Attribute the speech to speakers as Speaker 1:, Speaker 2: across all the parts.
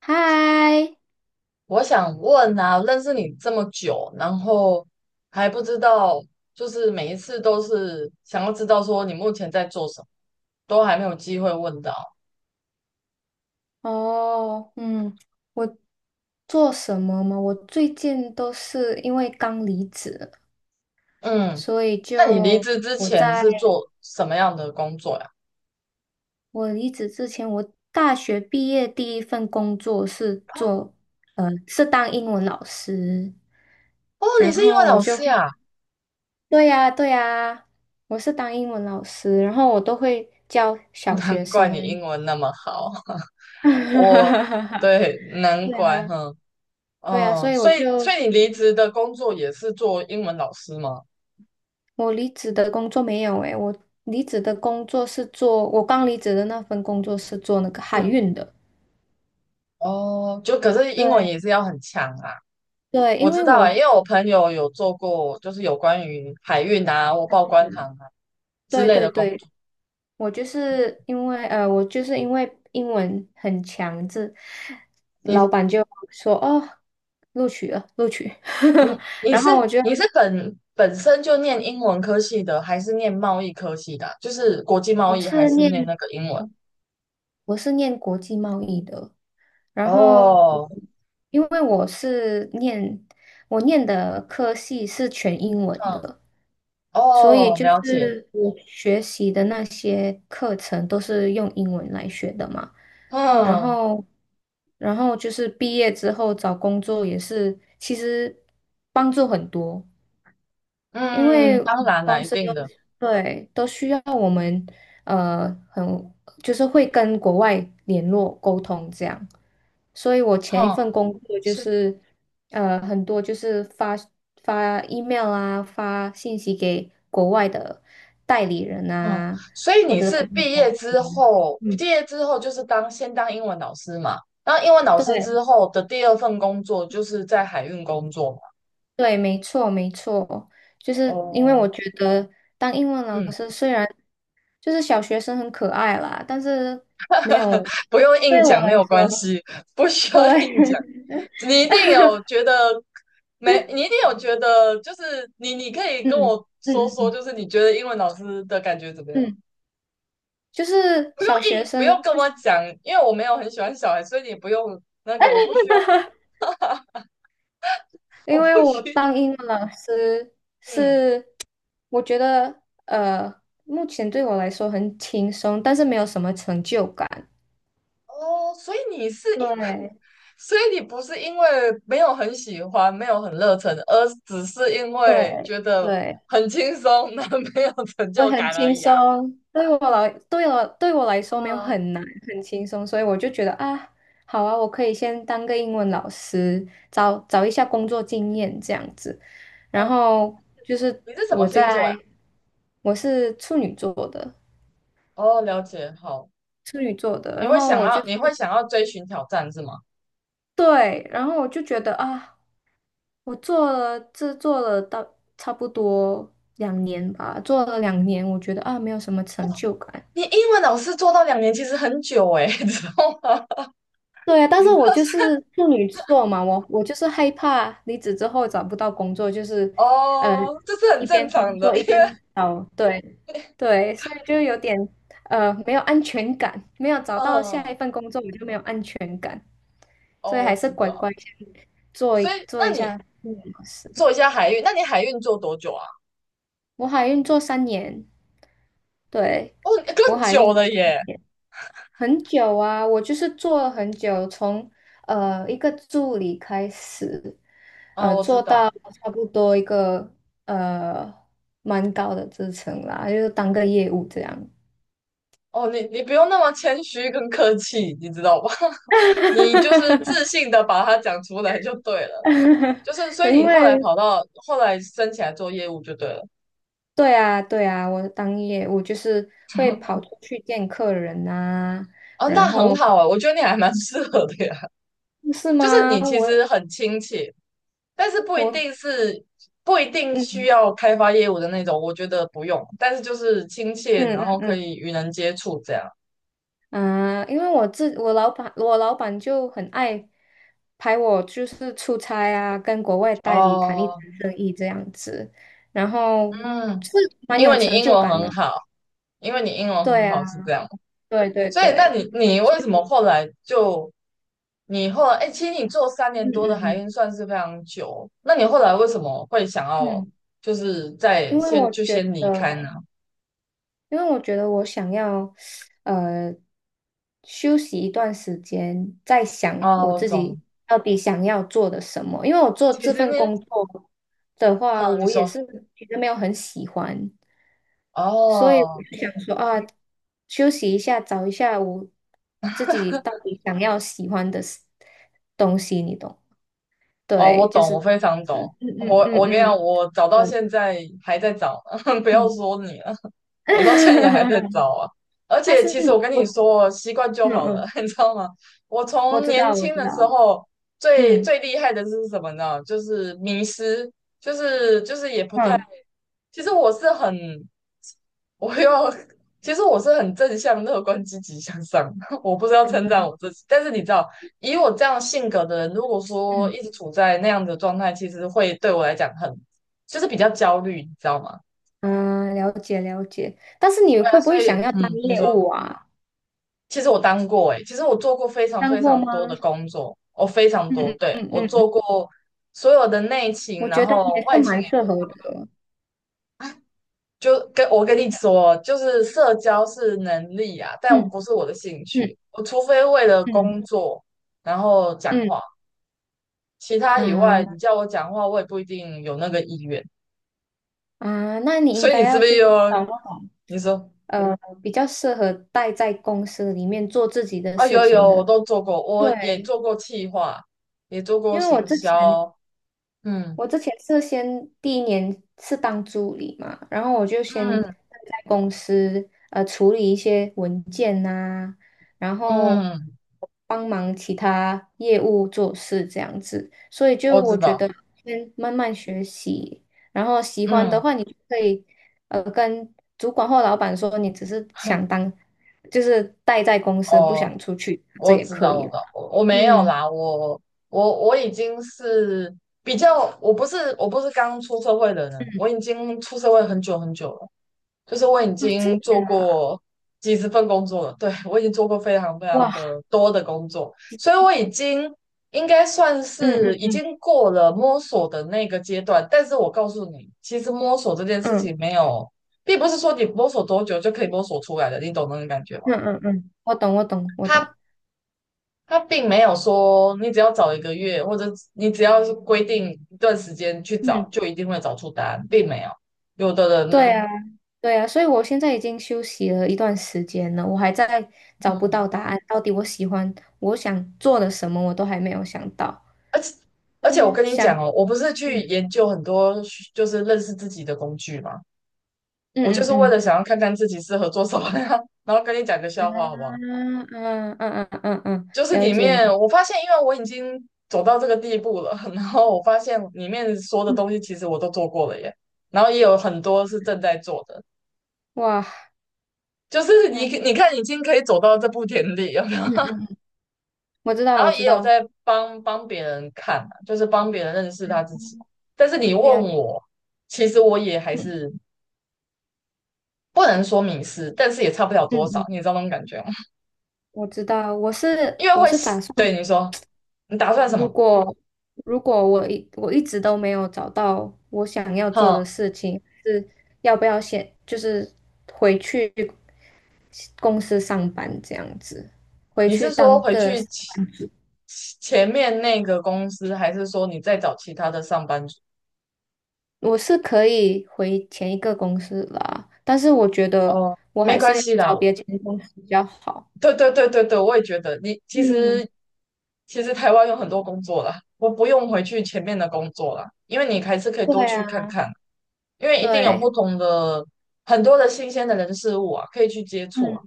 Speaker 1: 嗨。
Speaker 2: 我想问啊，认识你这么久，然后还不知道，就是每一次都是想要知道说你目前在做什么，都还没有机会问到。
Speaker 1: 哦，嗯，我做什么吗？我最近都是因为刚离职，
Speaker 2: 嗯，
Speaker 1: 所以
Speaker 2: 那你离
Speaker 1: 就
Speaker 2: 职之
Speaker 1: 我
Speaker 2: 前
Speaker 1: 在
Speaker 2: 是做什么样的工作呀？
Speaker 1: 我离职之前，我大学毕业第一份工作是做，是当英文老师。
Speaker 2: 哦，你
Speaker 1: 然
Speaker 2: 是英
Speaker 1: 后
Speaker 2: 文
Speaker 1: 我
Speaker 2: 老
Speaker 1: 就
Speaker 2: 师
Speaker 1: 会，
Speaker 2: 呀，
Speaker 1: 对呀，对呀，我是当英文老师，然后我都会教 小
Speaker 2: 难
Speaker 1: 学
Speaker 2: 怪你
Speaker 1: 生。
Speaker 2: 英文那么好。我，对，难
Speaker 1: 对
Speaker 2: 怪，
Speaker 1: 啊，
Speaker 2: 哼，
Speaker 1: 对啊。所
Speaker 2: 嗯，
Speaker 1: 以我
Speaker 2: 所以，
Speaker 1: 就，
Speaker 2: 你离职的工作也是做英文老师吗？
Speaker 1: 我离职的工作没有诶，我刚离职的那份工作是做那个海
Speaker 2: 嗯，
Speaker 1: 运的。
Speaker 2: 哦，就可是英文
Speaker 1: 对
Speaker 2: 也是要很强啊。
Speaker 1: 对。
Speaker 2: 我
Speaker 1: 因
Speaker 2: 知
Speaker 1: 为
Speaker 2: 道
Speaker 1: 我，
Speaker 2: 啊，因为我朋友有做过，就是有关于海运啊、或报关行啊之
Speaker 1: 对
Speaker 2: 类
Speaker 1: 对
Speaker 2: 的工
Speaker 1: 对。
Speaker 2: 作。
Speaker 1: 我就是因为英文很强，这老
Speaker 2: 你、
Speaker 1: 板就说哦，录取了，录取。
Speaker 2: 你
Speaker 1: 然
Speaker 2: 是
Speaker 1: 后
Speaker 2: 你本身就念英文科系的，还是念贸易科系的啊就是国际贸
Speaker 1: 我
Speaker 2: 易，还
Speaker 1: 是
Speaker 2: 是
Speaker 1: 念
Speaker 2: 念那个英文？
Speaker 1: 我是念国际贸易的。然后我
Speaker 2: 哦，
Speaker 1: 因为我是念我念的科系是全英文
Speaker 2: 嗯，
Speaker 1: 的。所以
Speaker 2: 哦，
Speaker 1: 就
Speaker 2: 了解，
Speaker 1: 是我学习的那些课程都是用英文来学的嘛，然
Speaker 2: 嗯
Speaker 1: 后，然后就是毕业之后找工作也是，其实帮助很多。因
Speaker 2: 嗯，
Speaker 1: 为
Speaker 2: 当然啦，
Speaker 1: 公
Speaker 2: 一
Speaker 1: 司
Speaker 2: 定
Speaker 1: 都，
Speaker 2: 的，
Speaker 1: 对，都需要我们呃很就是会跟国外联络沟通这样，所以我前一
Speaker 2: 哼、
Speaker 1: 份工作就是很多就是发 email 啊，发信息给国外的代理人
Speaker 2: 嗯，
Speaker 1: 啊，
Speaker 2: 所以
Speaker 1: 或
Speaker 2: 你
Speaker 1: 者是
Speaker 2: 是
Speaker 1: 国外
Speaker 2: 毕业
Speaker 1: 公司。
Speaker 2: 之后，
Speaker 1: 嗯，
Speaker 2: 毕业之后就是当先当英文老师嘛，然后英文老师之
Speaker 1: 对
Speaker 2: 后的第二份工作就是在海运工作嘛。
Speaker 1: 对，没错没错，就是因为我
Speaker 2: 哦，
Speaker 1: 觉得当英文老
Speaker 2: 嗯，
Speaker 1: 师虽然就是小学生很可爱啦，但是没有
Speaker 2: 不用硬
Speaker 1: 对我
Speaker 2: 讲，没
Speaker 1: 来
Speaker 2: 有关
Speaker 1: 说，
Speaker 2: 系，不需要硬
Speaker 1: 对。
Speaker 2: 讲。你一定有觉得没，你一定有觉得，就是你可 以跟
Speaker 1: 嗯
Speaker 2: 我
Speaker 1: 嗯
Speaker 2: 说说，
Speaker 1: 嗯
Speaker 2: 就是你觉得英文老师的感觉怎么样？
Speaker 1: 嗯，就是
Speaker 2: 不用
Speaker 1: 小学
Speaker 2: 硬，不
Speaker 1: 生，
Speaker 2: 用跟
Speaker 1: 就
Speaker 2: 我
Speaker 1: 是。
Speaker 2: 讲，因为我没有很喜欢小孩，所以你不用那个，我不需要讨，我
Speaker 1: 因为
Speaker 2: 不
Speaker 1: 我
Speaker 2: 需要
Speaker 1: 当英文老师
Speaker 2: 嗯。
Speaker 1: 是，我觉得目前对我来说很轻松，但是没有什么成就感。
Speaker 2: 哦，所以你是因，
Speaker 1: 对
Speaker 2: 所以你不是因为没有很喜欢，没有很热忱，而只是因为
Speaker 1: 对
Speaker 2: 觉得
Speaker 1: 对，
Speaker 2: 很轻松，那 没有成
Speaker 1: 对，
Speaker 2: 就
Speaker 1: 很
Speaker 2: 感而
Speaker 1: 轻
Speaker 2: 已啊。
Speaker 1: 松。对我来，对我对我来说没有
Speaker 2: 嗯，
Speaker 1: 很难，很轻松，所以我就觉得啊，好啊，我可以先当个英文老师，找一下工作经验这样子。然
Speaker 2: 哦，
Speaker 1: 后就是
Speaker 2: 你是什么
Speaker 1: 我
Speaker 2: 星座呀？
Speaker 1: 在，我是处女座的。
Speaker 2: 哦，了解，好，
Speaker 1: 处女座的。
Speaker 2: 你
Speaker 1: 然
Speaker 2: 会
Speaker 1: 后
Speaker 2: 想
Speaker 1: 我就
Speaker 2: 要，
Speaker 1: 是
Speaker 2: 你会想要追寻挑战是吗？
Speaker 1: 对，然后我就觉得啊，我做了这做了到差不多两年吧，做了两年，我觉得啊，没有什么成就感。
Speaker 2: 你英文老师做到两年其实很久诶，你知道吗？
Speaker 1: 对啊，但
Speaker 2: 你
Speaker 1: 是
Speaker 2: 知
Speaker 1: 我
Speaker 2: 道
Speaker 1: 就是处女座嘛，我就是害怕离职之后找不到工作，就是呃
Speaker 2: 哦，这是很
Speaker 1: 一
Speaker 2: 正
Speaker 1: 边工
Speaker 2: 常的，
Speaker 1: 作
Speaker 2: 因
Speaker 1: 一
Speaker 2: 为
Speaker 1: 边找。对对，所以就有点没有安全感，没有找到下
Speaker 2: 嗯，
Speaker 1: 一份工作我就没有安全感，所
Speaker 2: 哦，
Speaker 1: 以
Speaker 2: 我
Speaker 1: 还是
Speaker 2: 知
Speaker 1: 乖乖
Speaker 2: 道，
Speaker 1: 先
Speaker 2: 所以
Speaker 1: 做一
Speaker 2: 那你
Speaker 1: 下助理老师。
Speaker 2: 做一下海运，那你海运做多久啊？
Speaker 1: 我海运做三年，对，
Speaker 2: 哦，
Speaker 1: 我
Speaker 2: 更
Speaker 1: 海运
Speaker 2: 久
Speaker 1: 做
Speaker 2: 了
Speaker 1: 三
Speaker 2: 耶。
Speaker 1: 年，很久啊，我就是做了很久，从一个助理开始。
Speaker 2: 啊，我知
Speaker 1: 做到
Speaker 2: 道。
Speaker 1: 差不多一个呃蛮高的支撑啦，就是当个业务这样。
Speaker 2: 哦，你不用那么谦虚跟客气，你知道吧？你就是自 信的把它讲出来就对了。就是，所以
Speaker 1: 因
Speaker 2: 你后来
Speaker 1: 为
Speaker 2: 跑到后来升起来做业务就对了。
Speaker 1: 对啊，对啊，我当业务就是会跑出去见客人啊，
Speaker 2: 哦，那
Speaker 1: 然
Speaker 2: 很
Speaker 1: 后
Speaker 2: 好啊，我觉得你还蛮适合的呀。
Speaker 1: 是
Speaker 2: 就是
Speaker 1: 吗？
Speaker 2: 你其实
Speaker 1: 我
Speaker 2: 很亲切，但是不一
Speaker 1: 我
Speaker 2: 定是不一定需
Speaker 1: 嗯
Speaker 2: 要开发业务的那种，我觉得不用。但是就是亲切，
Speaker 1: 嗯
Speaker 2: 然
Speaker 1: 嗯
Speaker 2: 后可
Speaker 1: 嗯，
Speaker 2: 以与人接触这样。
Speaker 1: 嗯，因为我老板，我老板就很爱拍我，就是出差啊，跟国外代理谈一谈
Speaker 2: 哦，
Speaker 1: 生意这样子，然后
Speaker 2: 嗯，
Speaker 1: 是蛮
Speaker 2: 因
Speaker 1: 有
Speaker 2: 为你
Speaker 1: 成
Speaker 2: 英
Speaker 1: 就
Speaker 2: 文
Speaker 1: 感
Speaker 2: 很
Speaker 1: 的。
Speaker 2: 好，因为你英文很
Speaker 1: 对啊，
Speaker 2: 好是这样。
Speaker 1: 对对
Speaker 2: 所以，那
Speaker 1: 对，
Speaker 2: 你
Speaker 1: 所
Speaker 2: 为什么
Speaker 1: 以，
Speaker 2: 后来就你后来哎、其实你做三
Speaker 1: 嗯
Speaker 2: 年多的海
Speaker 1: 嗯
Speaker 2: 运算是非常久，那你后来为什么会想
Speaker 1: 嗯
Speaker 2: 要
Speaker 1: 嗯，
Speaker 2: 就是在
Speaker 1: 因为
Speaker 2: 先
Speaker 1: 我
Speaker 2: 就
Speaker 1: 觉
Speaker 2: 先离开呢？
Speaker 1: 得。因为我觉得我想要，呃，休息一段时间，再想
Speaker 2: 哦，
Speaker 1: 我
Speaker 2: 我
Speaker 1: 自己
Speaker 2: 懂。
Speaker 1: 到底想要做的什么。因为我做
Speaker 2: 其
Speaker 1: 这
Speaker 2: 实
Speaker 1: 份
Speaker 2: 你，
Speaker 1: 工作的话，
Speaker 2: 嗯，你
Speaker 1: 我也
Speaker 2: 说，
Speaker 1: 是其实没有很喜欢，所以
Speaker 2: 哦
Speaker 1: 我就想说啊，休息一下，找一下我自己到底想要喜欢的事东西，你懂？
Speaker 2: 哦，我
Speaker 1: 对，就
Speaker 2: 懂，
Speaker 1: 是
Speaker 2: 我
Speaker 1: 这
Speaker 2: 非常懂。
Speaker 1: 样子，嗯
Speaker 2: 我
Speaker 1: 嗯
Speaker 2: 我
Speaker 1: 嗯
Speaker 2: 跟你讲，
Speaker 1: 嗯，
Speaker 2: 我找到
Speaker 1: 对，
Speaker 2: 现在还在找，不要
Speaker 1: 嗯。
Speaker 2: 说你，我到现在也还在 找啊。而
Speaker 1: 但
Speaker 2: 且
Speaker 1: 是
Speaker 2: 其实我跟你
Speaker 1: 我，
Speaker 2: 说，习惯就
Speaker 1: 嗯
Speaker 2: 好了，
Speaker 1: 嗯。
Speaker 2: 你知道吗？我
Speaker 1: 我
Speaker 2: 从
Speaker 1: 知
Speaker 2: 年
Speaker 1: 道，我
Speaker 2: 轻
Speaker 1: 知
Speaker 2: 的时
Speaker 1: 道，
Speaker 2: 候最
Speaker 1: 嗯
Speaker 2: 最厉害的是什么呢？就是迷失，就是也不太。
Speaker 1: 嗯
Speaker 2: 其实我是很，我要，其实我是很正向、乐观、积极向上。我不知道称赞
Speaker 1: 嗯
Speaker 2: 我自己，但是你知道，以我这样性格的人，如果说
Speaker 1: 嗯
Speaker 2: 一直处在那样的状态，其实会对我来讲很，就是比较焦虑，你知道吗？
Speaker 1: 嗯，了解了解。但是你
Speaker 2: 对啊，
Speaker 1: 会不
Speaker 2: 所
Speaker 1: 会想
Speaker 2: 以
Speaker 1: 要当
Speaker 2: 嗯，你
Speaker 1: 业
Speaker 2: 说。
Speaker 1: 务啊？
Speaker 2: 其实我当过诶、其实我做过非常
Speaker 1: 当
Speaker 2: 非
Speaker 1: 过
Speaker 2: 常多的
Speaker 1: 吗？
Speaker 2: 工作，我非常
Speaker 1: 嗯
Speaker 2: 多，
Speaker 1: 嗯
Speaker 2: 对，
Speaker 1: 嗯
Speaker 2: 我
Speaker 1: 嗯，嗯，
Speaker 2: 做过所有的内
Speaker 1: 我
Speaker 2: 勤，然
Speaker 1: 觉得
Speaker 2: 后
Speaker 1: 也是
Speaker 2: 外勤
Speaker 1: 蛮
Speaker 2: 也
Speaker 1: 适合的。
Speaker 2: 就跟我跟你说哦，就是社交是能力啊，但
Speaker 1: 嗯
Speaker 2: 不是我的兴
Speaker 1: 嗯
Speaker 2: 趣。我除非为了
Speaker 1: 嗯
Speaker 2: 工作然后讲
Speaker 1: 嗯，
Speaker 2: 话，其他以外，你
Speaker 1: 啊
Speaker 2: 叫我讲话，我也不一定有那个意愿。
Speaker 1: 啊，那你
Speaker 2: 所
Speaker 1: 应
Speaker 2: 以
Speaker 1: 该
Speaker 2: 你是
Speaker 1: 要
Speaker 2: 不是
Speaker 1: 就
Speaker 2: 又
Speaker 1: 是找那种
Speaker 2: 你说
Speaker 1: 呃比较适合待在公司里面做自己的
Speaker 2: 啊？
Speaker 1: 事
Speaker 2: 有
Speaker 1: 情
Speaker 2: 有，我
Speaker 1: 的。
Speaker 2: 都做过，我也
Speaker 1: 对，
Speaker 2: 做过企划，也做过
Speaker 1: 因为我
Speaker 2: 行
Speaker 1: 之前
Speaker 2: 销，嗯
Speaker 1: 我之前是先第一年是当助理嘛，然后我就先在
Speaker 2: 嗯
Speaker 1: 公司处理一些文件呐、然后
Speaker 2: 嗯。
Speaker 1: 帮忙其他业务做事这样子，所以就
Speaker 2: 我知
Speaker 1: 我觉
Speaker 2: 道，
Speaker 1: 得先慢慢学习，然后喜欢的
Speaker 2: 嗯，
Speaker 1: 话你就可以跟主管或老板说你只是想 当就是待在公司不
Speaker 2: 哦，
Speaker 1: 想出去，这
Speaker 2: 我
Speaker 1: 也
Speaker 2: 知
Speaker 1: 可
Speaker 2: 道，我
Speaker 1: 以。
Speaker 2: 知道，我没有
Speaker 1: 嗯
Speaker 2: 啦，我已经是比较，我不是刚出社会的人，
Speaker 1: 嗯
Speaker 2: 我已经出社会很久很久了，就是我已
Speaker 1: 啊，真
Speaker 2: 经做
Speaker 1: 的啊
Speaker 2: 过几十份工作了，对，我已经做过非常非
Speaker 1: 哇，
Speaker 2: 常的多的工作，所以我已经应该算
Speaker 1: 嗯
Speaker 2: 是
Speaker 1: 嗯
Speaker 2: 已
Speaker 1: 嗯
Speaker 2: 经过了摸索的那个阶段，但是我告诉你，其实摸索这件事
Speaker 1: 嗯。
Speaker 2: 情没有，并不是说你摸索多久就可以摸索出来的，你懂那种感觉吗？
Speaker 1: 嗯嗯嗯，我懂，我懂，我
Speaker 2: 他
Speaker 1: 懂。
Speaker 2: 他并没有说你只要找一个月，或者你只要是规定一段时间去找，
Speaker 1: 嗯，
Speaker 2: 就一定会找出答案，并没有。有的
Speaker 1: 对
Speaker 2: 人，
Speaker 1: 啊，对啊，所以我现在已经休息了一段时间了，我还在找不
Speaker 2: 嗯，
Speaker 1: 到答案，到底我喜欢我想做的什么，我都还没有想到。
Speaker 2: 而且
Speaker 1: 但
Speaker 2: 我
Speaker 1: 是
Speaker 2: 跟你
Speaker 1: 想，
Speaker 2: 讲哦，我不是去
Speaker 1: 嗯
Speaker 2: 研究很多就是认识自己的工具嘛，我就
Speaker 1: 嗯
Speaker 2: 是为
Speaker 1: 嗯
Speaker 2: 了想要看看自己适合做什么呀，然后跟你讲个笑话好不好？
Speaker 1: 嗯，啊啊啊啊啊啊，
Speaker 2: 就是
Speaker 1: 了
Speaker 2: 里
Speaker 1: 解了。
Speaker 2: 面我发现，因为我已经走到这个地步了，然后我发现里面说的
Speaker 1: 嗯，
Speaker 2: 东西其实我都做过了耶，然后也有很多是正在做的。
Speaker 1: 哇，
Speaker 2: 就是你
Speaker 1: 那
Speaker 2: 你看已经可以走到这步田地，有没有？
Speaker 1: 嗯嗯，我知道，
Speaker 2: 然
Speaker 1: 我
Speaker 2: 后
Speaker 1: 知
Speaker 2: 也有
Speaker 1: 道，
Speaker 2: 在帮别人看啊就是帮别人认识他自己。但是你问
Speaker 1: 了，
Speaker 2: 我，其实我也还是不能说迷失，但是也差不了
Speaker 1: 嗯
Speaker 2: 多少，
Speaker 1: 嗯，
Speaker 2: 你知道那种感觉吗？
Speaker 1: 我知道，我 是
Speaker 2: 因为
Speaker 1: 我
Speaker 2: 会
Speaker 1: 是打算。
Speaker 2: 对你说，你打算什
Speaker 1: 如
Speaker 2: 么？
Speaker 1: 果如果我一直都没有找到我想要做
Speaker 2: 哼，
Speaker 1: 的事情，是要不要先就是回去公司上班这样子，回
Speaker 2: 你
Speaker 1: 去
Speaker 2: 是说
Speaker 1: 当
Speaker 2: 回
Speaker 1: 个
Speaker 2: 去前面那个公司，还是说你再找其他的上班族？
Speaker 1: 我是可以回前一个公司啦，但是我觉得
Speaker 2: 哦，
Speaker 1: 我
Speaker 2: 没
Speaker 1: 还
Speaker 2: 关
Speaker 1: 是要
Speaker 2: 系啦，
Speaker 1: 找别间公司比较好。
Speaker 2: 对对对对对，我也觉得你其
Speaker 1: 嗯，
Speaker 2: 实台湾有很多工作啦，我不用回去前面的工作啦，因为你还是可以多
Speaker 1: 对
Speaker 2: 去看
Speaker 1: 啊，
Speaker 2: 看，因为一定有不
Speaker 1: 对。
Speaker 2: 同的很多的新鲜的人事物啊，可以去接触
Speaker 1: 嗯。
Speaker 2: 啊。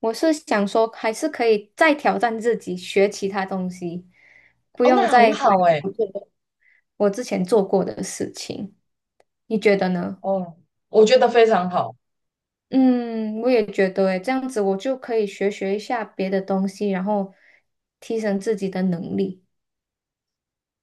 Speaker 1: 我是想说，还是可以再挑战自己，学其他东西，不
Speaker 2: 哦，
Speaker 1: 用
Speaker 2: 那很
Speaker 1: 再回
Speaker 2: 好哎，
Speaker 1: 顾做我之前做过的事情。你觉得呢？
Speaker 2: 哦，我觉得非常好。
Speaker 1: 嗯，我也觉得诶，这样子我就可以学一下别的东西，然后提升自己的能力。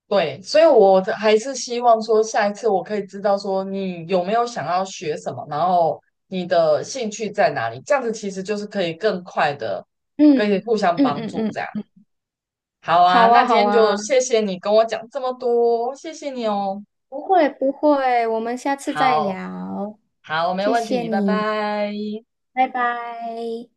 Speaker 2: 对，所以我的还是希望说，下一次我可以知道说你有没有想要学什么，然后你的兴趣在哪里，这样子其实就是可以更快的可以
Speaker 1: 嗯
Speaker 2: 互相
Speaker 1: 嗯
Speaker 2: 帮助
Speaker 1: 嗯
Speaker 2: 这样。
Speaker 1: 嗯，
Speaker 2: 好啊，
Speaker 1: 好
Speaker 2: 那
Speaker 1: 啊
Speaker 2: 今
Speaker 1: 好
Speaker 2: 天就
Speaker 1: 啊，
Speaker 2: 谢谢你跟我讲这么多，谢谢你哦。
Speaker 1: 不会不会，我们下次再
Speaker 2: 好，
Speaker 1: 聊，
Speaker 2: 好，没
Speaker 1: 谢
Speaker 2: 问
Speaker 1: 谢
Speaker 2: 题，拜
Speaker 1: 你，
Speaker 2: 拜。
Speaker 1: 拜拜。